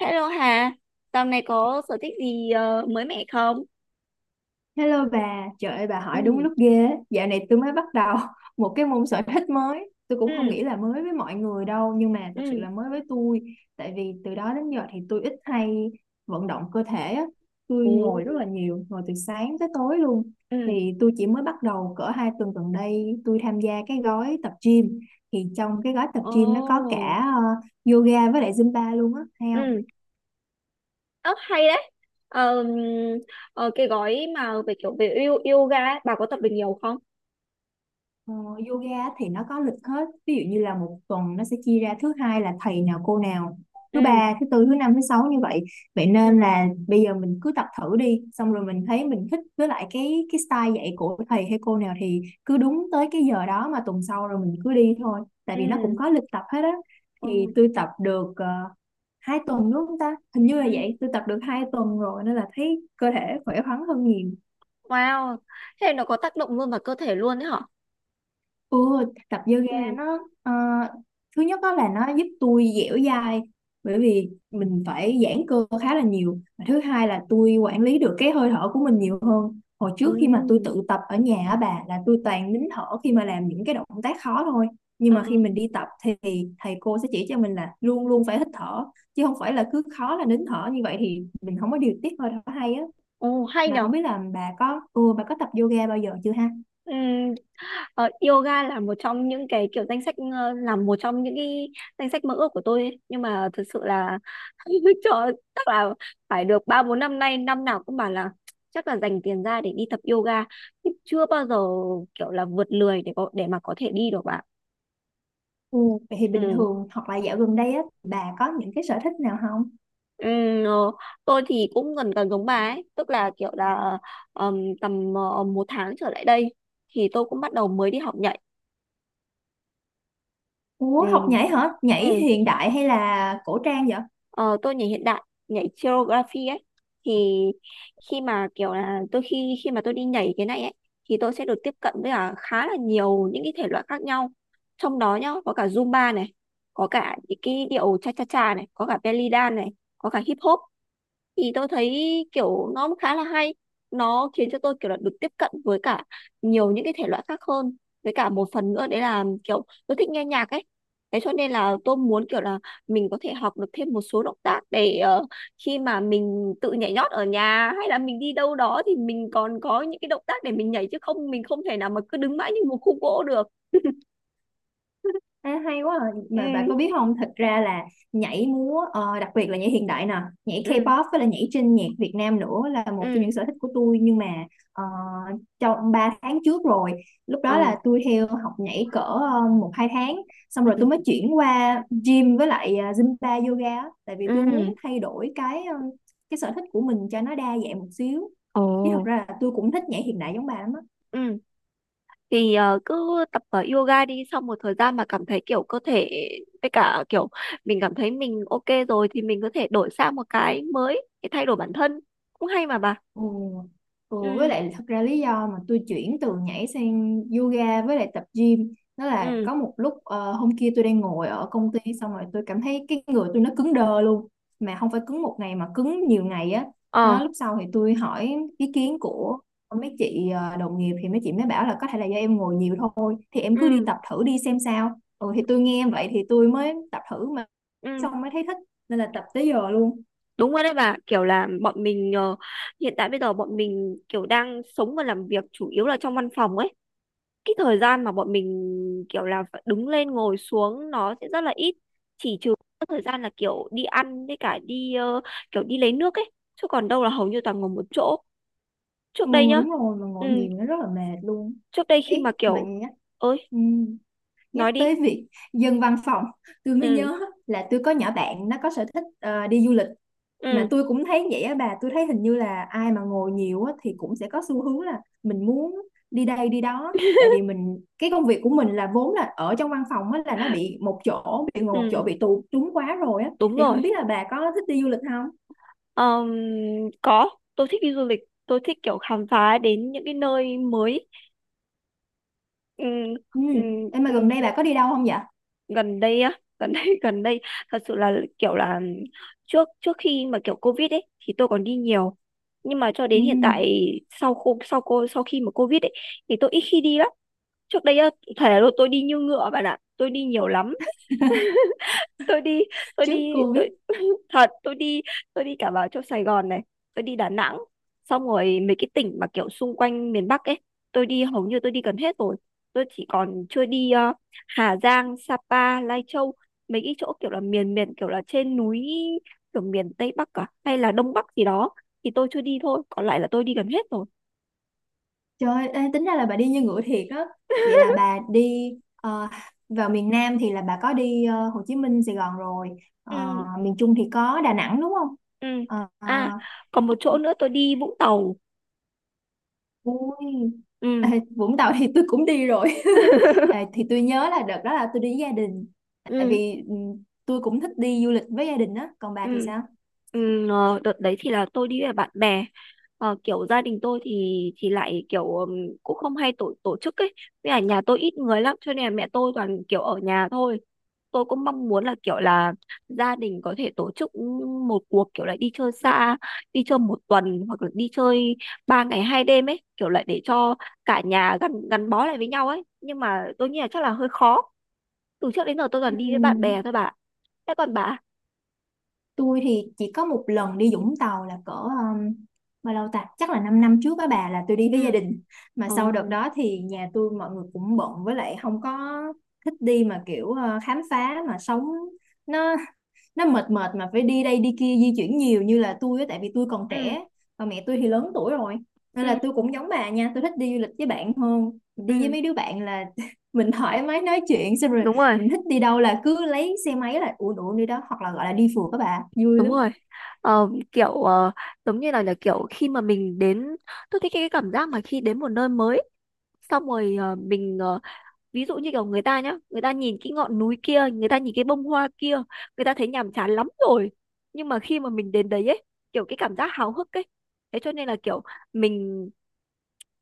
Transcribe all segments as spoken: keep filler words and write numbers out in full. Hello Hà, dạo này có sở thích gì ờ, mới mẻ không? Hello bà, trời ơi bà hỏi đúng Ừ. lúc ghê. Á. Dạo này tôi mới bắt đầu một cái môn sở thích mới. Tôi cũng không Ừ. nghĩ là mới với mọi người đâu, nhưng mà thật sự Ừ. là mới với tôi. Tại vì từ đó đến giờ thì tôi ít hay vận động cơ thể á. Tôi Ừ. ngồi rất là nhiều, ngồi từ sáng tới tối luôn. Ừ. Thì tôi chỉ mới bắt đầu cỡ hai tuần gần đây tôi tham gia cái gói tập gym. Thì trong cái gói tập Ồ. gym nó có cả ờ, yoga với lại Zumba luôn á, hay không? Ừ. Ớ, hay đấy. Ờ, ờ, cái gói mà về kiểu về yo- yoga ấy, bà có tập được nhiều không? Ờ, yoga thì nó có lịch hết, ví dụ như là một tuần nó sẽ chia ra thứ hai là thầy nào cô nào, thứ Ừ. ba thứ tư thứ năm thứ sáu như vậy, vậy nên Ừ. là bây giờ mình cứ tập thử đi, xong rồi mình thấy mình thích với lại cái cái style dạy của thầy hay cô nào thì cứ đúng tới cái giờ đó mà tuần sau rồi mình cứ đi thôi, tại vì nó cũng Ừ. có lịch tập hết á. Thì Ừ. tôi tập được uh, hai tuần đúng không ta, hình như là Ừ. vậy, tôi tập được hai tuần rồi nên là thấy cơ thể khỏe khoắn hơn nhiều. Wow, thế nó có tác động luôn vào cơ thể luôn đấy hả? Ừ, tập yoga Ừ. nó ờ, thứ nhất đó là nó giúp tôi dẻo dai bởi vì mình phải giãn cơ khá là nhiều. Và thứ hai là tôi quản lý được cái hơi thở của mình nhiều hơn, hồi trước khi mà tôi Ừ. tự tập ở nhà á bà, là tôi toàn nín thở khi mà làm những cái động tác khó thôi, nhưng ờ, mà khi mình đi tập thì thầy cô sẽ chỉ cho mình là luôn luôn phải hít thở, chứ không phải là cứ khó là nín thở. Như vậy thì mình không có điều tiết hơi thở hay á. Ồ, hay Mà nhở? không biết là bà có ừ, bà có tập yoga bao giờ chưa ha. Ừ. Ờ, Yoga là một trong những cái kiểu danh sách ờ, là một trong những cái danh sách mơ ước của tôi ấy. Nhưng mà thực sự là cho chắc là phải được ba bốn năm nay, năm nào cũng bảo là chắc là dành tiền ra để đi tập yoga nhưng chưa bao giờ kiểu là vượt lười để có để mà có thể đi được bạn. Ừ. Vậy thì bình Ừ. thường hoặc là dạo gần đây á bà có những cái sở thích nào không? Ừ. ờ, tôi thì cũng gần gần giống bà ấy, tức là kiểu là ờm, tầm ờ, một tháng trở lại đây thì tôi cũng bắt đầu mới đi học nhảy. Ừ. Ủa học nhảy hả? Nhảy Ừ. hiện đại hay là cổ trang vậy? Ờ, tôi nhảy hiện đại, nhảy choreography ấy. Thì khi mà kiểu là tôi khi khi mà tôi đi nhảy cái này ấy thì tôi sẽ được tiếp cận với cả khá là nhiều những cái thể loại khác nhau, trong đó nhá có cả Zumba này, có cả những cái điệu cha cha cha này, có cả belly dance này, có cả hip hop. Thì tôi thấy kiểu nó cũng khá là hay, nó khiến cho tôi kiểu là được tiếp cận với cả nhiều những cái thể loại khác hơn, với cả một phần nữa đấy là kiểu tôi thích nghe nhạc ấy, thế cho nên là tôi muốn kiểu là mình có thể học được thêm một số động tác để ờ, khi mà mình tự nhảy nhót ở nhà hay là mình đi đâu đó thì mình còn có những cái động tác để mình nhảy, chứ không mình không thể nào mà cứ đứng mãi như một khúc gỗ được. À, hay quá à. Ừ. Mà bà có biết không, thật ra là nhảy múa ờ, đặc biệt là nhảy hiện đại nè, nhảy Ừ. K-pop với là nhảy trên nhạc Việt Nam nữa là một trong Ừ. những sở thích của tôi, nhưng mà ờ, trong ba tháng trước rồi, lúc đó Ờ. là tôi theo học nhảy cỡ ờ, một hai tháng, xong rồi Ừ. tôi mới chuyển qua gym với lại ờ, Zumba yoga á. Tại vì tôi Ừ. muốn thay đổi cái ờ, cái sở thích của mình cho nó đa dạng một xíu, Ồ. chứ thật ra là tôi cũng thích nhảy hiện đại giống bà lắm á. Ừ. Thì ờ, cứ tập ờ, yoga đi, sau một thời gian mà cảm thấy kiểu cơ thể với cả kiểu mình cảm thấy mình ok rồi thì mình có thể đổi sang một cái mới để thay đổi bản thân, cũng hay mà bà. Ừ. Ừ, với Ừ. lại thật ra lý do mà tôi chuyển từ nhảy sang yoga với lại tập gym đó là Ừ. có một lúc ờ, hôm kia tôi đang ngồi ở công ty, xong rồi tôi cảm thấy cái người tôi nó cứng đơ luôn, mà không phải cứng một ngày mà cứng nhiều ngày á. Ờ. Đó, lúc sau thì tôi hỏi ý kiến của mấy chị ờ, đồng nghiệp, thì mấy chị mới bảo là có thể là do em ngồi nhiều thôi, thì em cứ đi Ừ. tập thử đi xem sao. Ừ, thì tôi nghe vậy thì tôi mới tập thử mà, Ừ. xong mới thấy thích nên là tập tới giờ luôn. Đúng rồi đấy bà, kiểu là bọn mình ờ, hiện tại bây giờ bọn mình kiểu đang sống và làm việc chủ yếu là trong văn phòng ấy, cái thời gian mà bọn mình kiểu là phải đứng lên ngồi xuống nó sẽ rất là ít, chỉ trừ các thời gian là kiểu đi ăn với cả đi ờ, kiểu đi lấy nước ấy, chứ còn đâu là hầu như toàn ngồi một chỗ. Ừ, Trước đây nhá. đúng rồi, mà Ừ. ngồi nhiều nó rất là mệt luôn. Trước đây khi Ý mà mà kiểu... nhắc, ơi, ừ, nhắc nói đi. tới việc dân văn phòng, tôi mới Ừ. nhớ là tôi có nhỏ bạn nó có sở thích ờ, đi du lịch. Mà Ừ. tôi cũng thấy vậy á bà, tôi thấy hình như là ai mà ngồi nhiều á thì cũng sẽ có xu hướng là mình muốn đi đây đi đó, tại vì mình cái công việc của mình là vốn là ở trong văn phòng á, là nó bị một chỗ, bị ngồi Ừ. một chỗ, bị tù túng quá rồi á. Đúng Thì không rồi. biết là bà có thích đi du lịch không. Ờm, có, tôi thích đi du lịch, tôi thích kiểu khám phá đến những cái nơi mới. Ừ. Ừ, Ừ. em mà gần Ừ. đây bà có đi đâu không vậy. Gần đây á? Gần đây, gần đây thật sự là kiểu là trước trước khi mà kiểu covid ấy thì tôi còn đi nhiều, nhưng mà cho Ừ, đến hiện tại, sau cô sau cô sau khi mà covid ấy thì tôi ít khi đi lắm. Trước đây á, thể là tôi đi như ngựa bạn ạ, tôi đi nhiều lắm. Tôi đi, tôi trước đi, Covid. tôi thật, tôi đi, tôi đi cả vào chỗ Sài Gòn này, tôi đi Đà Nẵng, xong rồi mấy cái tỉnh mà kiểu xung quanh miền Bắc ấy, tôi đi hầu như tôi đi gần hết rồi. Tôi chỉ còn chưa đi ờ, Hà Giang, Sapa, Lai Châu, mấy cái chỗ kiểu là miền miền kiểu là trên núi, kiểu miền Tây Bắc cả hay là Đông Bắc gì đó, thì tôi chưa đi thôi, còn lại là tôi đi gần hết rồi. Trời ơi, ê, tính ra là bà đi như ngựa thiệt á. Vậy là bà đi ờ, vào miền Nam thì là bà có đi ờ, Hồ Chí Minh, Sài Gòn rồi. Ờ, Ừ. miền Trung thì có Đà Nẵng đúng không? Ừ. Ờ, ờ, À, còn một chỗ nữa tôi đi Vũng Tàu. ui. Ê, Ừ. Vũng Tàu thì tôi cũng đi rồi. Ê, thì tôi nhớ là đợt đó là tôi đi với gia đình. Tại Ừ. vì ừ, tôi cũng thích đi du lịch với gia đình á. Còn bà thì Ừ. sao? Ừ. Ờ, đợt đấy thì là tôi đi với bạn bè. Ờ, kiểu gia đình tôi thì thì lại kiểu ừm, cũng không hay tổ tổ chức ấy, với cả nhà tôi ít người lắm cho nên là mẹ tôi toàn kiểu ở nhà thôi. Tôi cũng mong muốn là kiểu là gia đình có thể tổ chức một cuộc kiểu là đi chơi xa, đi chơi một tuần hoặc là đi chơi ba ngày hai đêm ấy, kiểu lại để cho cả nhà gắn gắn bó lại với nhau ấy, nhưng mà tôi nghĩ là chắc là hơi khó. Từ trước đến giờ tôi Ừ. toàn đi với bạn bè thôi bà. Thế còn bà? Tôi thì chỉ có một lần đi Vũng Tàu là cỡ um, bao lâu ta? Chắc là 5 năm trước á bà, là tôi đi với gia Ừ. đình. Mà Ờ. sau đợt đó thì nhà tôi mọi người cũng bận, với lại không có thích đi mà kiểu ờ, khám phá, mà sống nó nó mệt mệt mà phải đi đây đi kia, di chuyển nhiều như là tôi á, tại vì tôi còn Ừ. trẻ và mẹ tôi thì lớn tuổi rồi. Nên Ừ. là tôi cũng giống bà nha, tôi thích đi du lịch với bạn hơn, đi với Ừ. mấy đứa bạn là mình thoải mái nói chuyện, xong rồi Đúng rồi, mình thích đi đâu là cứ lấy xe máy là uổng uổng đi đó, hoặc là gọi là đi phượt các bà vui đúng lắm. rồi. Ờ, kiểu ờ, giống như là, là kiểu khi mà mình đến, tôi thích cái cảm giác mà khi đến một nơi mới, xong rồi ờ, mình ờ, ví dụ như kiểu người ta nhá, người ta nhìn cái ngọn núi kia, người ta nhìn cái bông hoa kia, người ta thấy nhàm chán lắm rồi. Nhưng mà khi mà mình đến đấy ấy, kiểu cái cảm giác háo hức ấy, thế cho nên là kiểu mình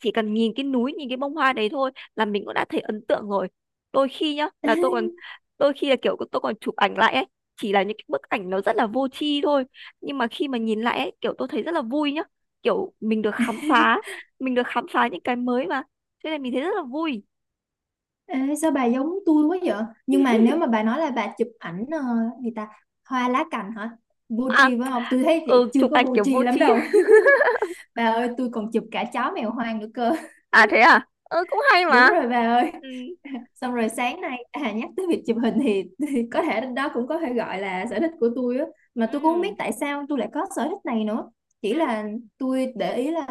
chỉ cần nhìn cái núi, nhìn cái bông hoa đấy thôi là mình cũng đã thấy ấn tượng rồi. Đôi khi nhá là tôi còn, đôi khi là kiểu tôi còn chụp ảnh lại ấy, chỉ là những cái bức ảnh nó rất là vô tri thôi, nhưng mà khi mà nhìn lại ấy kiểu tôi thấy rất là vui nhá, kiểu mình được khám phá, mình được khám phá những cái mới mà, cho nên mình thấy rất là vui. Ê, sao bà giống tôi quá vậy, nhưng mà nếu mà bà nói là bà chụp ảnh ờ, gì ta, hoa lá cành hả, vô À. tri phải không, tôi thấy chị Ừ. chưa Chụp có ảnh vô kiểu vô tri lắm tri. đâu. Bà ơi, tôi còn chụp cả chó mèo hoang nữa cơ. À thế à. Ừ, cũng hay Đúng mà. rồi bà ơi. Ừ. Xong rồi sáng nay à, nhắc tới việc chụp hình thì, thì có thể đó cũng có thể gọi là sở thích của tôi á, mà tôi cũng không biết Ừ. tại sao tôi lại có sở thích này nữa. Chỉ Ừ. là tôi để ý là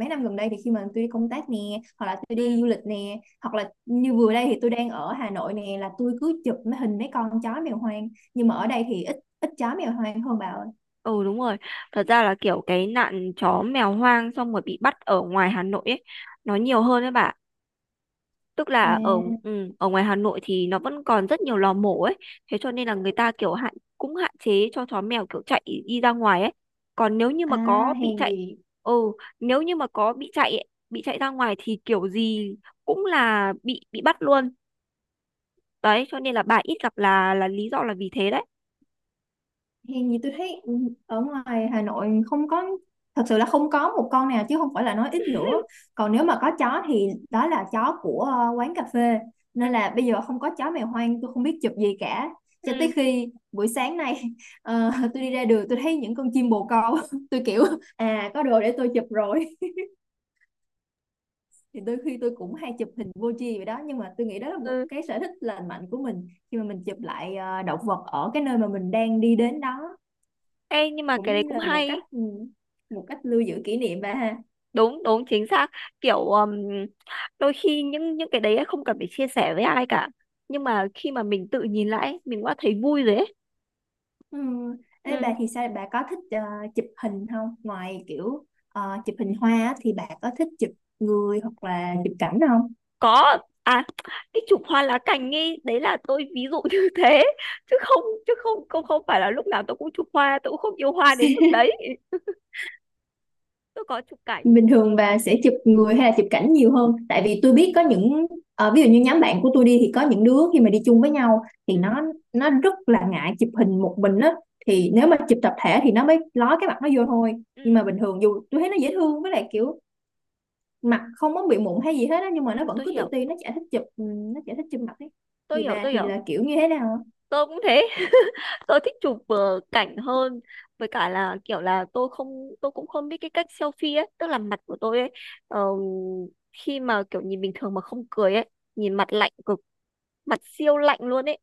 mấy năm gần đây thì khi mà tôi đi công tác nè, hoặc là tôi đi Ừ. du lịch nè, hoặc là như vừa đây thì tôi đang ở Hà Nội nè, là tôi cứ chụp mấy hình mấy con chó mèo hoang, nhưng mà ở đây thì ít ít chó mèo hoang hơn bà ơi. Ừ, đúng rồi. Thật ra là kiểu cái nạn chó mèo hoang xong rồi bị bắt ở ngoài Hà Nội ấy nó nhiều hơn đấy bà. Tức là ở À, ừ, ở ngoài Hà Nội thì nó vẫn còn rất nhiều lò mổ ấy. Thế cho nên là người ta kiểu hạn cũng hạn chế cho chó mèo kiểu chạy đi ra ngoài ấy. Còn nếu như à, mà có bị hèn chạy gì ừ Nếu như mà có bị chạy ấy, bị chạy ra ngoài thì kiểu gì cũng là bị bị bắt luôn. Đấy cho nên là bà ít gặp là là lý do là vì thế đấy. Hèn gì tôi thấy, ừ, ở ngoài Hà Nội không có, thật sự là không có một con nào chứ không phải là nói ít nữa. Còn nếu mà có chó thì đó là chó của ờ, quán cà phê, Ừ. nên là bây giờ không có chó mèo hoang tôi không biết chụp gì cả, cho tới Ừ. khi buổi sáng nay ờ, tôi đi ra đường tôi thấy những con chim bồ câu tôi kiểu à có đồ để tôi chụp rồi. Thì đôi khi tôi cũng hay chụp hình vô tri vậy đó, nhưng mà tôi nghĩ đó là một Ừ. cái sở thích lành mạnh của mình, khi mà mình chụp lại ờ, động vật ở cái nơi mà mình đang đi đến đó, Ê, nhưng mà cái cũng đấy như cũng là một cách hay. ừ, một cách lưu giữ kỷ niệm bà ha. Đúng đúng chính xác, kiểu um, đôi khi những những cái đấy ấy không cần phải chia sẻ với ai cả, nhưng mà khi mà mình tự nhìn lại ấy, mình đã thấy vui rồi ấy. Ừ. Ê, bà Ừ. thì sao, bà có thích ờ, chụp hình không, ngoài kiểu ờ, chụp hình hoa á, thì bà có thích chụp người hoặc là chụp cảnh không, Có. À, cái chụp hoa lá cành ấy đấy là tôi ví dụ như thế, chứ không, chứ không không không phải là lúc nào tôi cũng chụp hoa, tôi cũng không yêu hoa đến mức đấy. Tôi có chụp cảnh. bình thường bà sẽ chụp người hay là chụp cảnh nhiều hơn? Tại vì tôi Ừ. biết có những ờ, ví dụ như nhóm bạn của tôi đi thì có những đứa khi mà đi chung với nhau thì Ừ. nó nó rất là ngại chụp hình một mình á, Ừ. thì nếu mà chụp tập thể thì nó mới ló cái mặt nó vô thôi. Nhưng mà Ừ. bình thường dù tôi thấy nó dễ thương với lại kiểu mặt không có bị mụn hay gì hết á, nhưng mà nó Ừ, vẫn tôi cứ tự hiểu, ti, nó chả thích chụp ừ, nó chả thích chụp mặt ấy. tôi Thì hiểu, bà tôi thì hiểu. là kiểu như thế nào. Tôi cũng thế, tôi thích chụp ờ, cảnh hơn, với cả là kiểu là tôi không tôi cũng không biết cái cách selfie ấy, tức là mặt của tôi ấy ờ, khi mà kiểu nhìn bình thường mà không cười ấy, nhìn mặt lạnh cực, mặt siêu lạnh luôn ấy.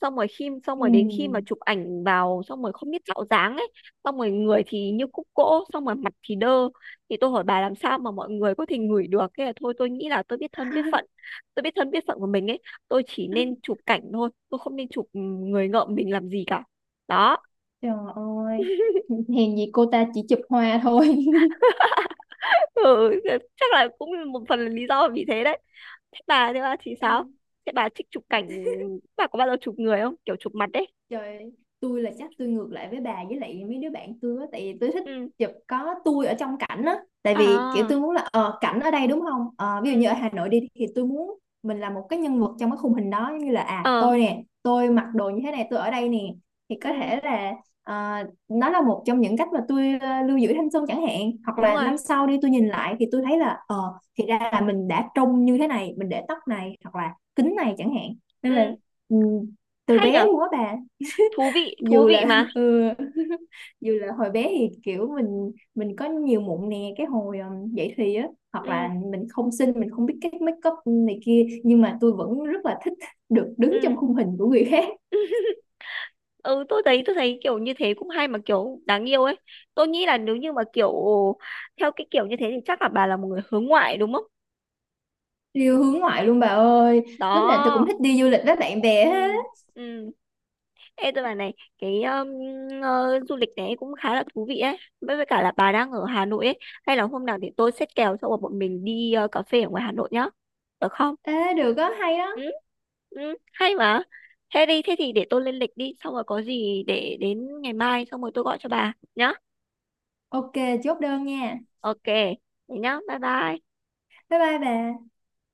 xong rồi khi Xong Ừ. rồi đến khi mà chụp ảnh vào xong rồi không biết tạo dáng ấy, xong rồi người thì như khúc gỗ, xong rồi mặt thì đơ, thì tôi hỏi bà làm sao mà mọi người có thể ngửi được, thế là thôi tôi nghĩ là tôi biết thân biết phận, tôi biết thân biết phận của mình ấy, tôi chỉ nên chụp cảnh thôi, tôi không nên chụp người ngợm mình làm gì cả. Đó. Trời ơi hèn gì cô ta chỉ chụp hoa thôi. ừ, Chắc là cũng một phần là lý do là vì thế đấy. Thế bà thế bà thì sao? Ê, Thế bà thích chụp cảnh, bà có bao giờ chụp người không, kiểu chụp mặt đấy? Trời ơi, tôi là chắc tôi ngược lại với bà với lại mấy đứa bạn tôi á, tại vì tôi thích Ừ. chụp có tôi ở trong cảnh á. Tại vì kiểu À. tôi muốn là ờ, cảnh ở đây đúng không. Ờ, ví dụ như Ừ. ở Hà Nội đi thì tôi muốn mình là một cái nhân vật trong cái khung hình đó, giống như là à Ờ. tôi nè, tôi mặc đồ như thế này, tôi ở đây nè. Thì có Ừ. thể là ờ, nó là một trong những cách mà tôi ờ, lưu giữ thanh xuân chẳng hạn, hoặc Đúng là rồi. năm sau đi tôi nhìn lại thì tôi thấy là ờ thì ra là mình đã trông như thế này, mình để tóc này hoặc là kính này chẳng hạn. Nên là Ừ. ừ, từ Hay bé nhở? luôn á bà, Thú vị, thú dù vị là mà. ừ, dù là hồi bé thì kiểu mình mình có nhiều mụn nè, cái hồi um, dậy thì á, hoặc Ừ. là mình không xinh, mình không biết cách make up này kia, nhưng mà tôi vẫn rất là thích được đứng trong Ừ. khung hình của người khác. Ừ. Tôi thấy, tôi thấy kiểu như thế cũng hay mà, kiểu đáng yêu ấy. Tôi nghĩ là nếu như mà kiểu theo cái kiểu như thế thì chắc là bà là một người hướng ngoại đúng không? Điều hướng ngoại luôn bà ơi, lúc nào tôi cũng Đó. thích đi du lịch với bạn bè Ừ. hết. Ừ. Ê, tôi bảo này, cái um, ờ, du lịch này cũng khá là thú vị ấy, với với cả là bà đang ở Hà Nội ấy, hay là hôm nào để tôi xét kèo cho bọn mình đi ờ, cà phê ở ngoài Hà Nội nhá, được không? Ê, được đó hay đó. Ừ. Ừ, hay mà. Thế đi, thế thì để tôi lên lịch đi, xong rồi có gì để đến ngày mai xong rồi tôi gọi cho bà nhá. Ok, chốt đơn nha. Ok, thế nhá, bye bye. Bye bye bà.